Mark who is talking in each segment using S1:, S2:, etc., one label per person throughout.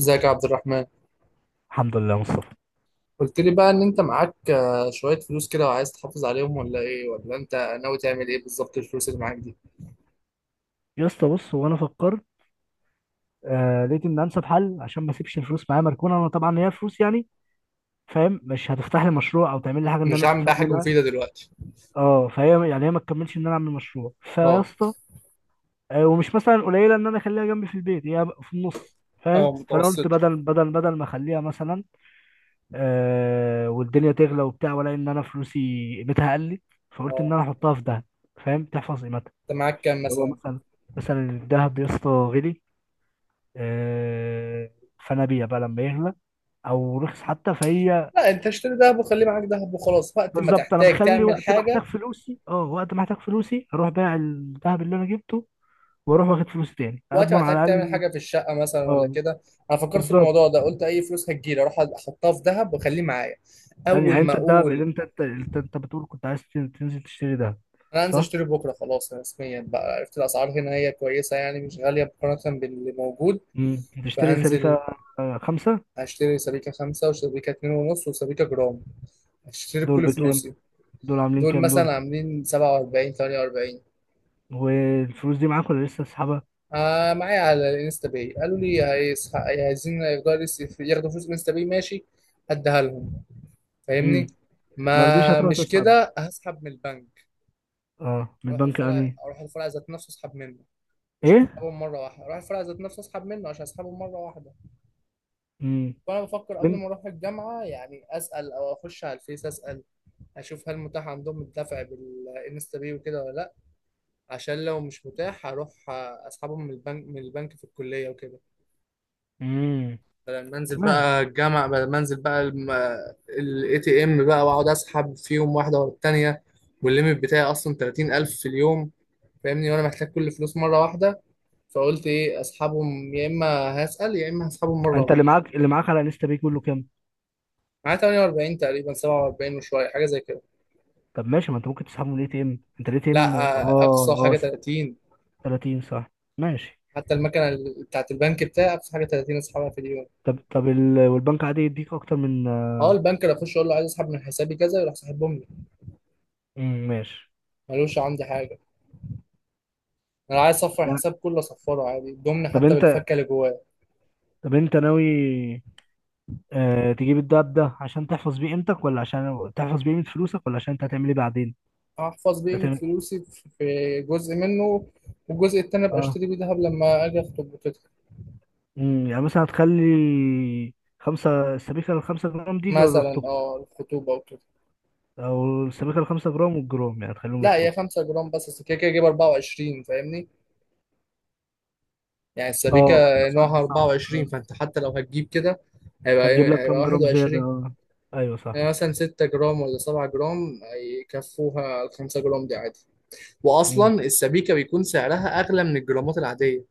S1: ازيك يا عبد الرحمن.
S2: الحمد لله يا مصطفى.
S1: قلت لي بقى ان انت معاك شوية فلوس كده، وعايز تحافظ عليهم ولا ايه، ولا انت ناوي تعمل ايه بالظبط الفلوس اللي معاك دي؟
S2: يا اسطى بص، هو انا فكرت لقيت ان انسب حل عشان ما اسيبش الفلوس معايا مركونه. انا طبعا هي فلوس يعني، فاهم، مش هتفتح لي مشروع او تعمل لي حاجه ان انا
S1: مش هعمل
S2: استفاد
S1: بقى حاجة
S2: منها.
S1: مفيدة دلوقتي.
S2: اه، فهي يعني هي ما تكملش ان انا اعمل مشروع، فيا
S1: اه.
S2: اسطى، آه، ومش مثلا قليله ان انا اخليها جنبي في البيت، هي في النص، فاهم.
S1: اه
S2: فانا قلت
S1: متوسط.
S2: بدل ما اخليها مثلا، آه، والدنيا تغلى وبتاع، ولا ان انا فلوسي قيمتها قلت. فقلت ان
S1: اه.
S2: انا احطها في دهب، فاهم، تحفظ قيمتها.
S1: انت معاك كام
S2: هو
S1: مثلا؟
S2: مثلا، الدهب يا اسطى غلي آه، فنبيع بقى لما يغلى او رخص حتى، فهي
S1: لا، انت اشتري دهب وخليه معاك دهب وخلاص، وقت ما
S2: بالظبط. انا
S1: تحتاج
S2: مخلي
S1: تعمل
S2: وقت ما احتاج
S1: حاجة.
S2: فلوسي، وقت ما احتاج فلوسي اروح بايع الذهب اللي انا جبته، واروح واخد فلوسي تاني،
S1: وقت ما
S2: اضمن
S1: تحتاج
S2: على
S1: تعمل
S2: الاقل
S1: حاجة في الشقة مثلا ولا
S2: اه.
S1: كده؟ انا فكرت في
S2: بالظبط.
S1: الموضوع ده، قلت اي فلوس هتجيلي اروح احطها في دهب واخليه معايا.
S2: يعني
S1: اول
S2: يعني
S1: ما
S2: انت الذهب اللي
S1: اقول
S2: انت انت انت أنت بتقول كنت عايز تنزل تشتري ذهب،
S1: انا هنزل
S2: صح؟
S1: اشتري بكره، خلاص رسميا بقى عرفت الاسعار هنا، هي كويسه يعني، مش غاليه مقارنه باللي موجود.
S2: امم، تشتري سبيكة؟
S1: فهنزل
S2: آه، خمسة.
S1: هشتري سبيكة خمسة، وسبيكة 2.5، وسبيكة جرام، هشتري
S2: دول
S1: بكل
S2: بكام؟
S1: فلوسي.
S2: دول عاملين
S1: دول
S2: كام
S1: مثلا
S2: دول؟
S1: عاملين 47، 48.
S2: والفلوس دي معاك ولا لسه تسحبها؟
S1: معايا على الانستا باي، قالوا لي عايزين ياخدوا ياخدوا فلوس الانستا باي، ماشي، هديها لهم، فاهمني.
S2: امم. ما رضيتش
S1: ما
S2: هتروح
S1: مش
S2: تسحب،
S1: كده هسحب من البنك.
S2: اه، من
S1: اروح
S2: البنك
S1: الفرع
S2: يعني؟
S1: اروح الفرع ذات نفسه اسحب منه. مش
S2: ايه؟
S1: هسحبهم مرة واحدة، أروح الفرع ذات نفسه أسحب منه عشان أسحبهم مرة واحدة.
S2: امم.
S1: فأنا بفكر قبل ما أروح الجامعة يعني أسأل، أو أخش على الفيس أسأل، أشوف هل متاح عندهم الدفع بالإنستا باي وكده ولا لأ. عشان لو مش متاح هروح أسحبهم من البنك من البنك في الكلية وكده.
S2: امم. تمام.
S1: بدل ما أنزل بقى الإي تي إم بقى، وأقعد أسحب فيهم واحدة ورا التانية، والليميت بتاعي أصلا 30,000 في اليوم. فاهمني، وأنا محتاج كل فلوس مرة واحدة. فقلت إيه؟ أسحبهم يا إما، هسأل يا إما هسحبهم مرة
S2: انت
S1: واحدة.
S2: اللي معاك على انستا باي كله كام؟
S1: معاه 48 تقريبا، 47 وشويه، حاجه زي كده.
S2: طب ماشي، ما انت ممكن تسحبه من الاي تي ام، انت الاي تي ام
S1: لا، اقصى
S2: اه
S1: حاجه
S2: اه؟
S1: 30.
S2: 30 صح. ماشي.
S1: حتى المكنه بتاعت البنك بتاعي اقصى حاجه 30 اسحبها في اليوم.
S2: طب والبنك عادي يديك اكتر من...
S1: اه، البنك اللي اخش اقول له عايز اسحب من حسابي كذا، يروح ساحبهم لي.
S2: امم. ماشي.
S1: ملوش عندي حاجه. انا عايز اصفر
S2: لا،
S1: الحساب كله، اصفره عادي، الضمن
S2: طب
S1: حتى
S2: انت
S1: بالفكه اللي جواه.
S2: طب انت ناوي تجيب الدهب ده عشان تحفظ بيه قيمتك، ولا عشان تحفظ بيه قيمة فلوسك، ولا عشان انت هتعمل ايه بعدين؟
S1: احفظ بقيمه
S2: هتعمل
S1: فلوسي في جزء منه، والجزء التاني ابقى
S2: اه.
S1: اشتري بيه دهب لما اجي اخطب وكده.
S2: امم، يعني مثلا هتخلي خمسة، السبيكة الخمسة جرام دي
S1: مثلا
S2: لخطوبتك؟
S1: اه، الخطوبه وكده.
S2: أو السبيكة الخمسة جرام والجرام يعني هتخليهم
S1: لا، هي
S2: لخطوبتك؟
S1: 5 جرام بس، أصل كده كده اجيب 24، فاهمني؟ يعني
S2: اه،
S1: السبيكة
S2: ما انت
S1: نوعها
S2: صح صح.
S1: 24،
S2: آه.
S1: فأنت حتى لو هتجيب كده هيبقى
S2: هتجيب لك
S1: إيه؟ هيبقى
S2: كام جرام زيادة،
S1: 21.
S2: اه؟ ايوه
S1: يعني
S2: صح.
S1: مثلا 6 جرام ولا 7 جرام، يكفوها ال 5 جرام دي عادي.
S2: مم.
S1: وأصلا السبيكة بيكون سعرها أغلى من الجرامات العادية.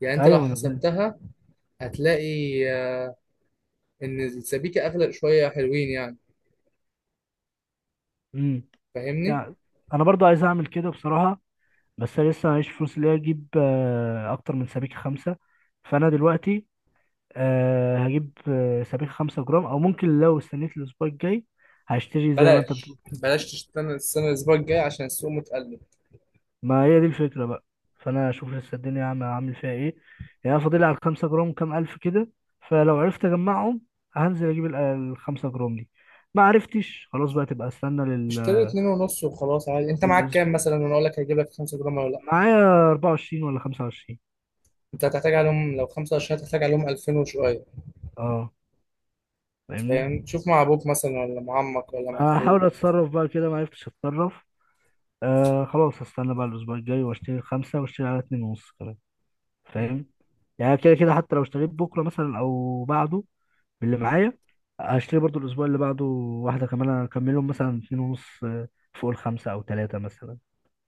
S1: يعني أنت
S2: ايوه
S1: لو
S2: ما انا فاهم.
S1: حسبتها هتلاقي إن السبيكة أغلى شوية، حلوين يعني.
S2: مم.
S1: فاهمني؟
S2: يعني انا برضو عايز اعمل كده بصراحة، بس انا لسه معيش فلوس اللي هي اجيب اكتر من سبيكة خمسة. فانا دلوقتي هجيب سبيكة خمسة جرام، او ممكن لو استنيت الاسبوع الجاي هشتري زي ما انت
S1: بلاش،
S2: بتقول.
S1: بلاش تستنى السنة، الأسبوع الجاي، عشان السوق متقلب.
S2: ما هي دي الفكرة بقى. فأنا أشوف لسه الدنيا عامل فيها إيه. يعني أنا فاضل لي على الخمسة جرام كام ألف كده. فلو عرفت أجمعهم هنزل أجيب الخمسة جرام دي. ما عرفتش خلاص بقى تبقى استنى
S1: اشتري اتنين ونص وخلاص عادي، انت معاك كام
S2: للأسبوع.
S1: مثلا وانا اقول لك هجيب لك 5 جرام ولا لا.
S2: معايا 24 ولا 25.
S1: انت هتحتاج عليهم لو 5 قرش، هتحتاج عليهم 2000 وشويه.
S2: أه، فاهمني.
S1: فاهم، تشوف مع ابوك مثلا، ولا مع عمك، ولا مع اخوك.
S2: هحاول أتصرف بقى كده. ما عرفتش أتصرف، آه، خلاص هستنى بقى الأسبوع الجاي، وأشتري الخمسة وأشتري على اتنين ونص كمان،
S1: مم.
S2: فاهم. يعني كده كده حتى لو اشتريت بكرة مثلا أو بعده، اللي معايا هشتري برضو الاسبوع اللي بعده واحده كمان، هكملهم مثلا اتنين ونص فوق الخمسه، او تلاته مثلا،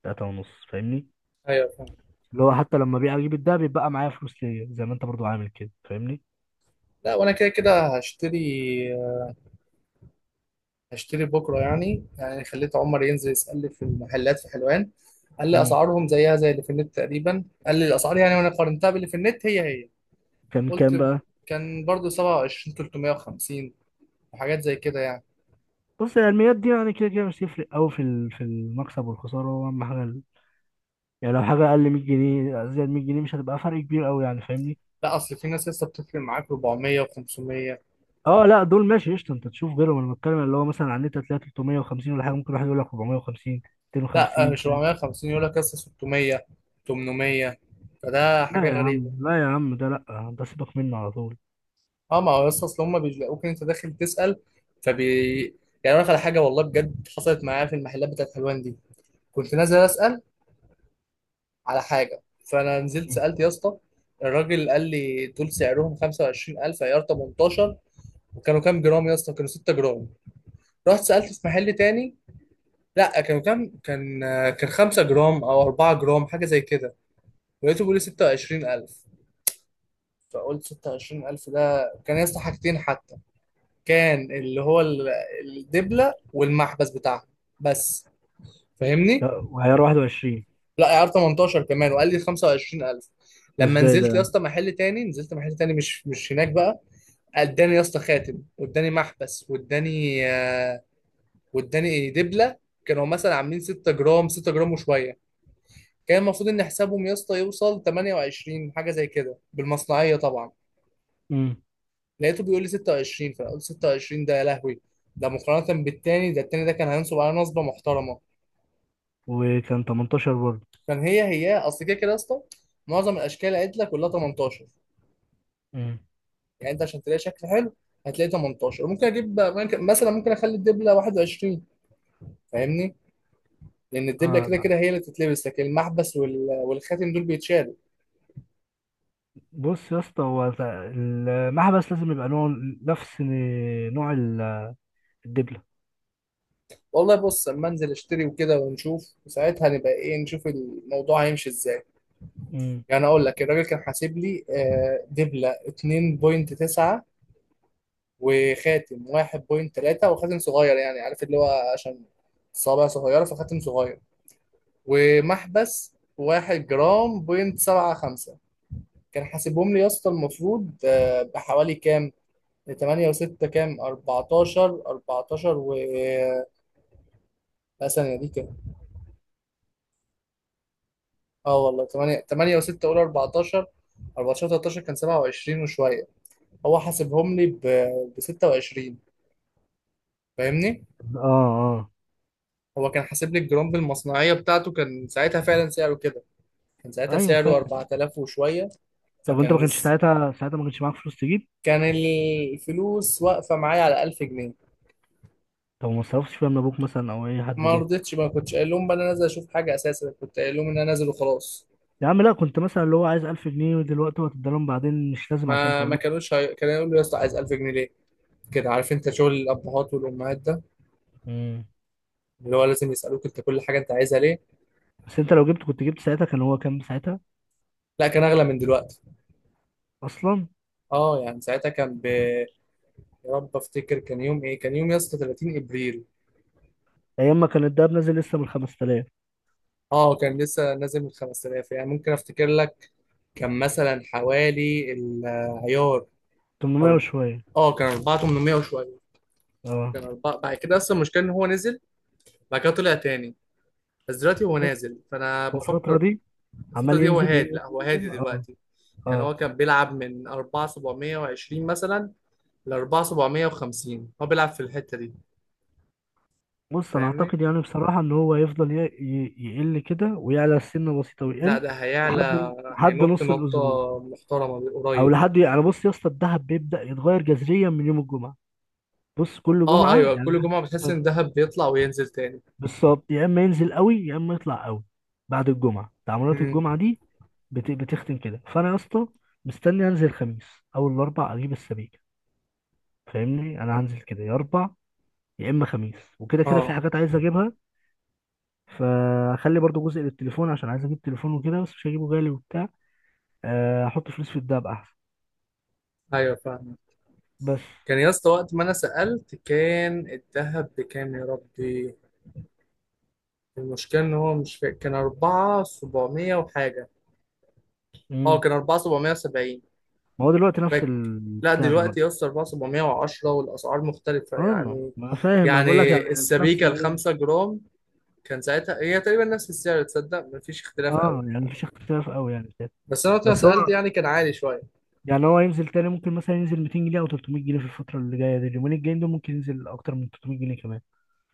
S2: تلاته ونص، فاهمني.
S1: ايوه فاهم.
S2: اللي هو حتى لما بيع اجيب الدهب بيبقى معايا فلوس ليا، زي ما انت برضو عامل كده، فاهمني.
S1: لا، وانا كده كده هشتري بكره، يعني خليت عمر ينزل يسال لي في المحلات في حلوان. قال لي
S2: امم.
S1: اسعارهم زيها زي اللي في النت تقريبا، قال لي الاسعار يعني، وانا قارنتها باللي في النت، هي هي.
S2: كان كام
S1: قلت،
S2: بقى؟
S1: كان برضو 27 350 وحاجات زي كده يعني.
S2: بص، هي الميات دي يعني كده كده مش هتفرق قوي في في المكسب والخساره. هو اهم حاجه يعني لو حاجه اقل 100 جنيه، زائد 100 جنيه، مش هتبقى فرق كبير قوي يعني، فاهمني.
S1: لا، اصل في ناس لسه بتفرق معاك 400 و500.
S2: اه لا، دول ماشي قشطه، انت تشوف غيرهم. انا بتكلم اللي هو مثلا على النت هتلاقي 350 ولا حاجه، ممكن واحد يقول لك 450،
S1: لا،
S2: 250،
S1: مش
S2: فاهم.
S1: 450، يقول لك لسه 600، 800، فده حاجه
S2: لا يا
S1: غريبه.
S2: عم، لا يا عم، ده لا، ده سيبك منه على طول.
S1: اه، ما هو يا اسطى، اصل هم بيلاقوك انت داخل تسأل، فبي. يعني اقول لك على حاجه، والله بجد حصلت معايا في المحلات بتاعت حلوان دي. كنت نازل اسأل على حاجه، فانا نزلت
S2: مم.
S1: سألت يا اسطى. الراجل قال لي دول سعرهم 25,000، عيار 18. وكانوا كام جرام يا اسطى؟ كانوا 6 جرام. رحت سألت في محل تاني. لا، كانوا كام؟ كان، كان 5 جرام او 4 جرام حاجه زي كده، لقيته بيقول لي 26,000. فقلت 26,000 ده كان يا اسطى حاجتين، كان اللي هو الدبلة والمحبس بتاعها بس، فاهمني.
S2: ده وعيار 21؟
S1: لا، عيار 18 كمان، وقال لي 25,000.
S2: ده
S1: لما
S2: ازاي ده
S1: نزلت يا
S2: يعني؟
S1: اسطى محل تاني نزلت محل تاني مش هناك بقى. اداني يا اسطى خاتم، واداني محبس، واداني دبلة. كانوا مثلا عاملين 6 جرام، 6 جرام وشوية، كان المفروض ان حسابهم يا اسطى يوصل 28 حاجة زي كده بالمصنعية طبعا.
S2: مم.
S1: لقيته بيقول لي 26، فانا قلت 26 ده يا لهوي، ده مقارنة بالتاني، ده التاني ده كان هينصب على نصبة محترمة.
S2: وكان 18 برضه؟
S1: عشان هي هي، اصل كده كده يا اسطى، معظم الاشكال اللي قالت لك كلها 18.
S2: مم.
S1: يعني انت عشان تلاقي شكل حلو هتلاقي 18، ممكن اجيب مثلا ممكن اخلي الدبله 21، فاهمني. لان الدبله
S2: اه
S1: كده
S2: لا،
S1: كده هي اللي تتلبس، لكن المحبس والخاتم دول بيتشالوا.
S2: بص يا اسطى، هو المحبس لازم يبقى نوع، نفس نوع الدبلة.
S1: والله بص، اما انزل اشتري وكده ونشوف، وساعتها نبقى ايه، نشوف الموضوع هيمشي ازاي.
S2: مم.
S1: يعني اقول لك الراجل كان حاسب لي دبله 2.9، وخاتم 1.3، وخاتم صغير يعني، عارف اللي هو عشان صابع صغيره فخاتم صغير، ومحبس واحد جرام بوينت سبعة خمسة. كان حاسبهم لي يا اسطى المفروض بحوالي كام؟ تمانية وستة كام؟ أربعتاشر و، لا، ثانية دي كام؟ اه والله، تمانية، تمانية وستة، قول 14. أربعتاشر، 13، كان 27 وشوية، هو حاسبهم لي بستة وعشرين. فاهمني؟
S2: اه اه.
S1: هو كان حاسب لي الجرام بالمصنعية بتاعته، كان ساعتها فعلا سعره كده، كان ساعتها
S2: ايوه
S1: سعره
S2: فاهم.
S1: 4000 وشوية.
S2: طب انت، ما
S1: فكان،
S2: كانش ساعتها ما كانش معاك فلوس تجيب؟
S1: كان الفلوس واقفة معايا على 1000 جنيه.
S2: طب ما صرفتش فيها من ابوك مثلا او اي حد
S1: ما
S2: ليه؟
S1: رضيتش، ما كنتش قايل لهم بقى انا نازل اشوف حاجه اساسا، كنت قايل لهم ان انا نازل وخلاص.
S2: يا عم لا، كنت مثلا اللي هو عايز 1000 جنيه ودلوقتي، هو هتديلهم بعدين، مش لازم عشان
S1: ما
S2: تقول
S1: ما
S2: لهم.
S1: كانوش كانوا يقولوا يا اسطى عايز 1000 جنيه ليه؟ كده عارف انت شغل الابهات والامهات ده،
S2: مم.
S1: اللي هو لازم يسالوك انت كل حاجه انت عايزها ليه.
S2: بس انت لو جبت، كنت جبت ساعتها، كان هو كام ساعتها
S1: لا، كان اغلى من دلوقتي.
S2: اصلا؟
S1: اه، يعني ساعتها كان يا رب افتكر، كان يوم ايه؟ كان يوم يا اسطى 30 ابريل.
S2: ايام ما كان الدهب نازل لسه من 5000،
S1: اه، كان لسه نازل من 5000، يعني ممكن افتكر لك، كان مثلا حوالي العيار
S2: 800
S1: أرب...
S2: وشويه.
S1: اه، كان 4800 وشويه،
S2: اه.
S1: كان أربعة. بعد كده اصلا المشكله ان هو نزل، بعد كده طلع تاني. بس دلوقتي هو
S2: بص
S1: نازل، فانا
S2: هو الفتره
S1: بفكر.
S2: دي،
S1: الفتره
S2: عمال
S1: دي هو
S2: ينزل
S1: هادي،
S2: ينزل
S1: لا هو هادي
S2: ينزل اه.
S1: دلوقتي. يعني
S2: اه
S1: هو كان بيلعب من 4720 مثلا ل 4750، هو بيلعب في الحته دي.
S2: بص، انا
S1: فاهمني،
S2: اعتقد يعني بصراحه ان هو يفضل يقل كده ويعلى سنه بسيطه
S1: لا،
S2: ويقل،
S1: ده هيعلى،
S2: لحد
S1: هينط
S2: نص
S1: نطه
S2: الاسبوع.
S1: محترمه
S2: او
S1: قريب.
S2: لحد يعني، بص يا اسطى، الدهب بيبدا يتغير جذريا من يوم الجمعه. بص كل
S1: اه،
S2: جمعه
S1: ايوه،
S2: يعني
S1: كل جمعه بتحس ان
S2: حتى.
S1: دهب بيطلع وينزل تاني.
S2: بالظبط، يا اما ينزل قوي يا اما يطلع قوي. بعد الجمعه، تعاملات
S1: امم.
S2: الجمعه دي بتختم كده. فانا يا اسطى مستني انزل الخميس، اول الاربع اجيب السبيكه. فاهمني، انا هنزل كده يا اربع يا اما خميس. وكده كده في
S1: اه،
S2: حاجات عايز اجيبها، فاخلي برضو جزء للتليفون عشان عايز اجيب تليفون وكده، بس مش هجيبه غالي وبتاع، احط فلوس في الدهب احسن،
S1: ايوه، فاهم.
S2: بس.
S1: كان يا اسطى وقت ما انا سالت كان الذهب بكام يا ربي، المشكله ان هو مش فاكر، كان 4700 وحاجه. اه،
S2: امم.
S1: كان 4770
S2: ما هو دلوقتي نفس
S1: باك. لا
S2: البتاع
S1: دلوقتي
S2: دلوقتي.
S1: يا اسطى 4710، والاسعار مختلفه
S2: اه ما
S1: يعني
S2: أنا فاهم، انا
S1: يعني
S2: بقول لك يعني، في نفس
S1: السبيكه ال
S2: الرينج.
S1: 5 جرام كان ساعتها هي تقريبا نفس السعر، تصدق مفيش اختلاف
S2: اه
S1: قوي.
S2: يعني مفيش اختلاف قوي يعني كده.
S1: بس انا وقت ما
S2: بس هو
S1: سالت يعني كان عالي شويه.
S2: يعني، هو ينزل تاني. ممكن مثلا ينزل 200 جنيه او 300 جنيه في الفتره اللي جايه دي. اليومين الجايين دول ممكن ينزل اكتر من 300 جنيه كمان.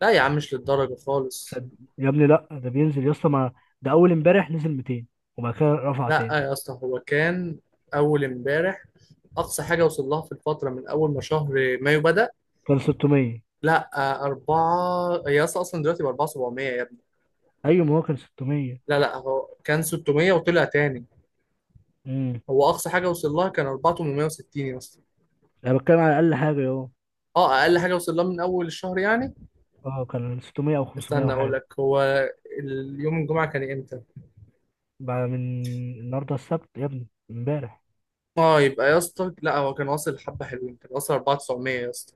S1: لا يا عم، مش للدرجه خالص.
S2: صد- يا ابني لا، ده بينزل يا اسطى، ما ده اول امبارح نزل 200 وبعد كده رفع
S1: لا
S2: تاني.
S1: يا اسطى هو كان اول امبارح اقصى حاجه وصل لها في الفتره من اول ما شهر مايو بدا.
S2: كان 600.
S1: لا، أربعة، هي أصلا دلوقتي ب 4700 يا ابني.
S2: ايوه ما هو كان 600.
S1: لا لا، هو كان 600 وطلع تاني.
S2: امم.
S1: هو أقصى حاجة وصل لها كان 4860 يا اسطى.
S2: انا بتكلم على اقل حاجه اهو،
S1: اه، اقل حاجه وصل لها من اول الشهر يعني.
S2: اه كان 600 او 500
S1: استنى اقول
S2: وحاجه.
S1: لك، هو اليوم الجمعه كان امتى؟
S2: بعد من النهارده السبت يا ابني امبارح.
S1: اه، يبقى يا اسطى لا هو كان واصل، حبه حلوين، كان واصل 4900 يا اسطى،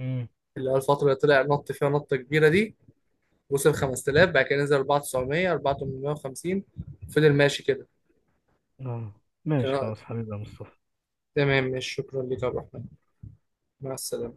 S2: امم.
S1: اللي هو الفتره اللي طلع نط فيها نطه كبيره دي، وصل 5000، بعد كده نزل 4900، 4850، فضل ماشي كده.
S2: اه ماشي
S1: كان-
S2: خلاص حبيبي يا مصطفى.
S1: تمام، ماشي، شكرا لك يا عبد الرحمن، مع السلامه.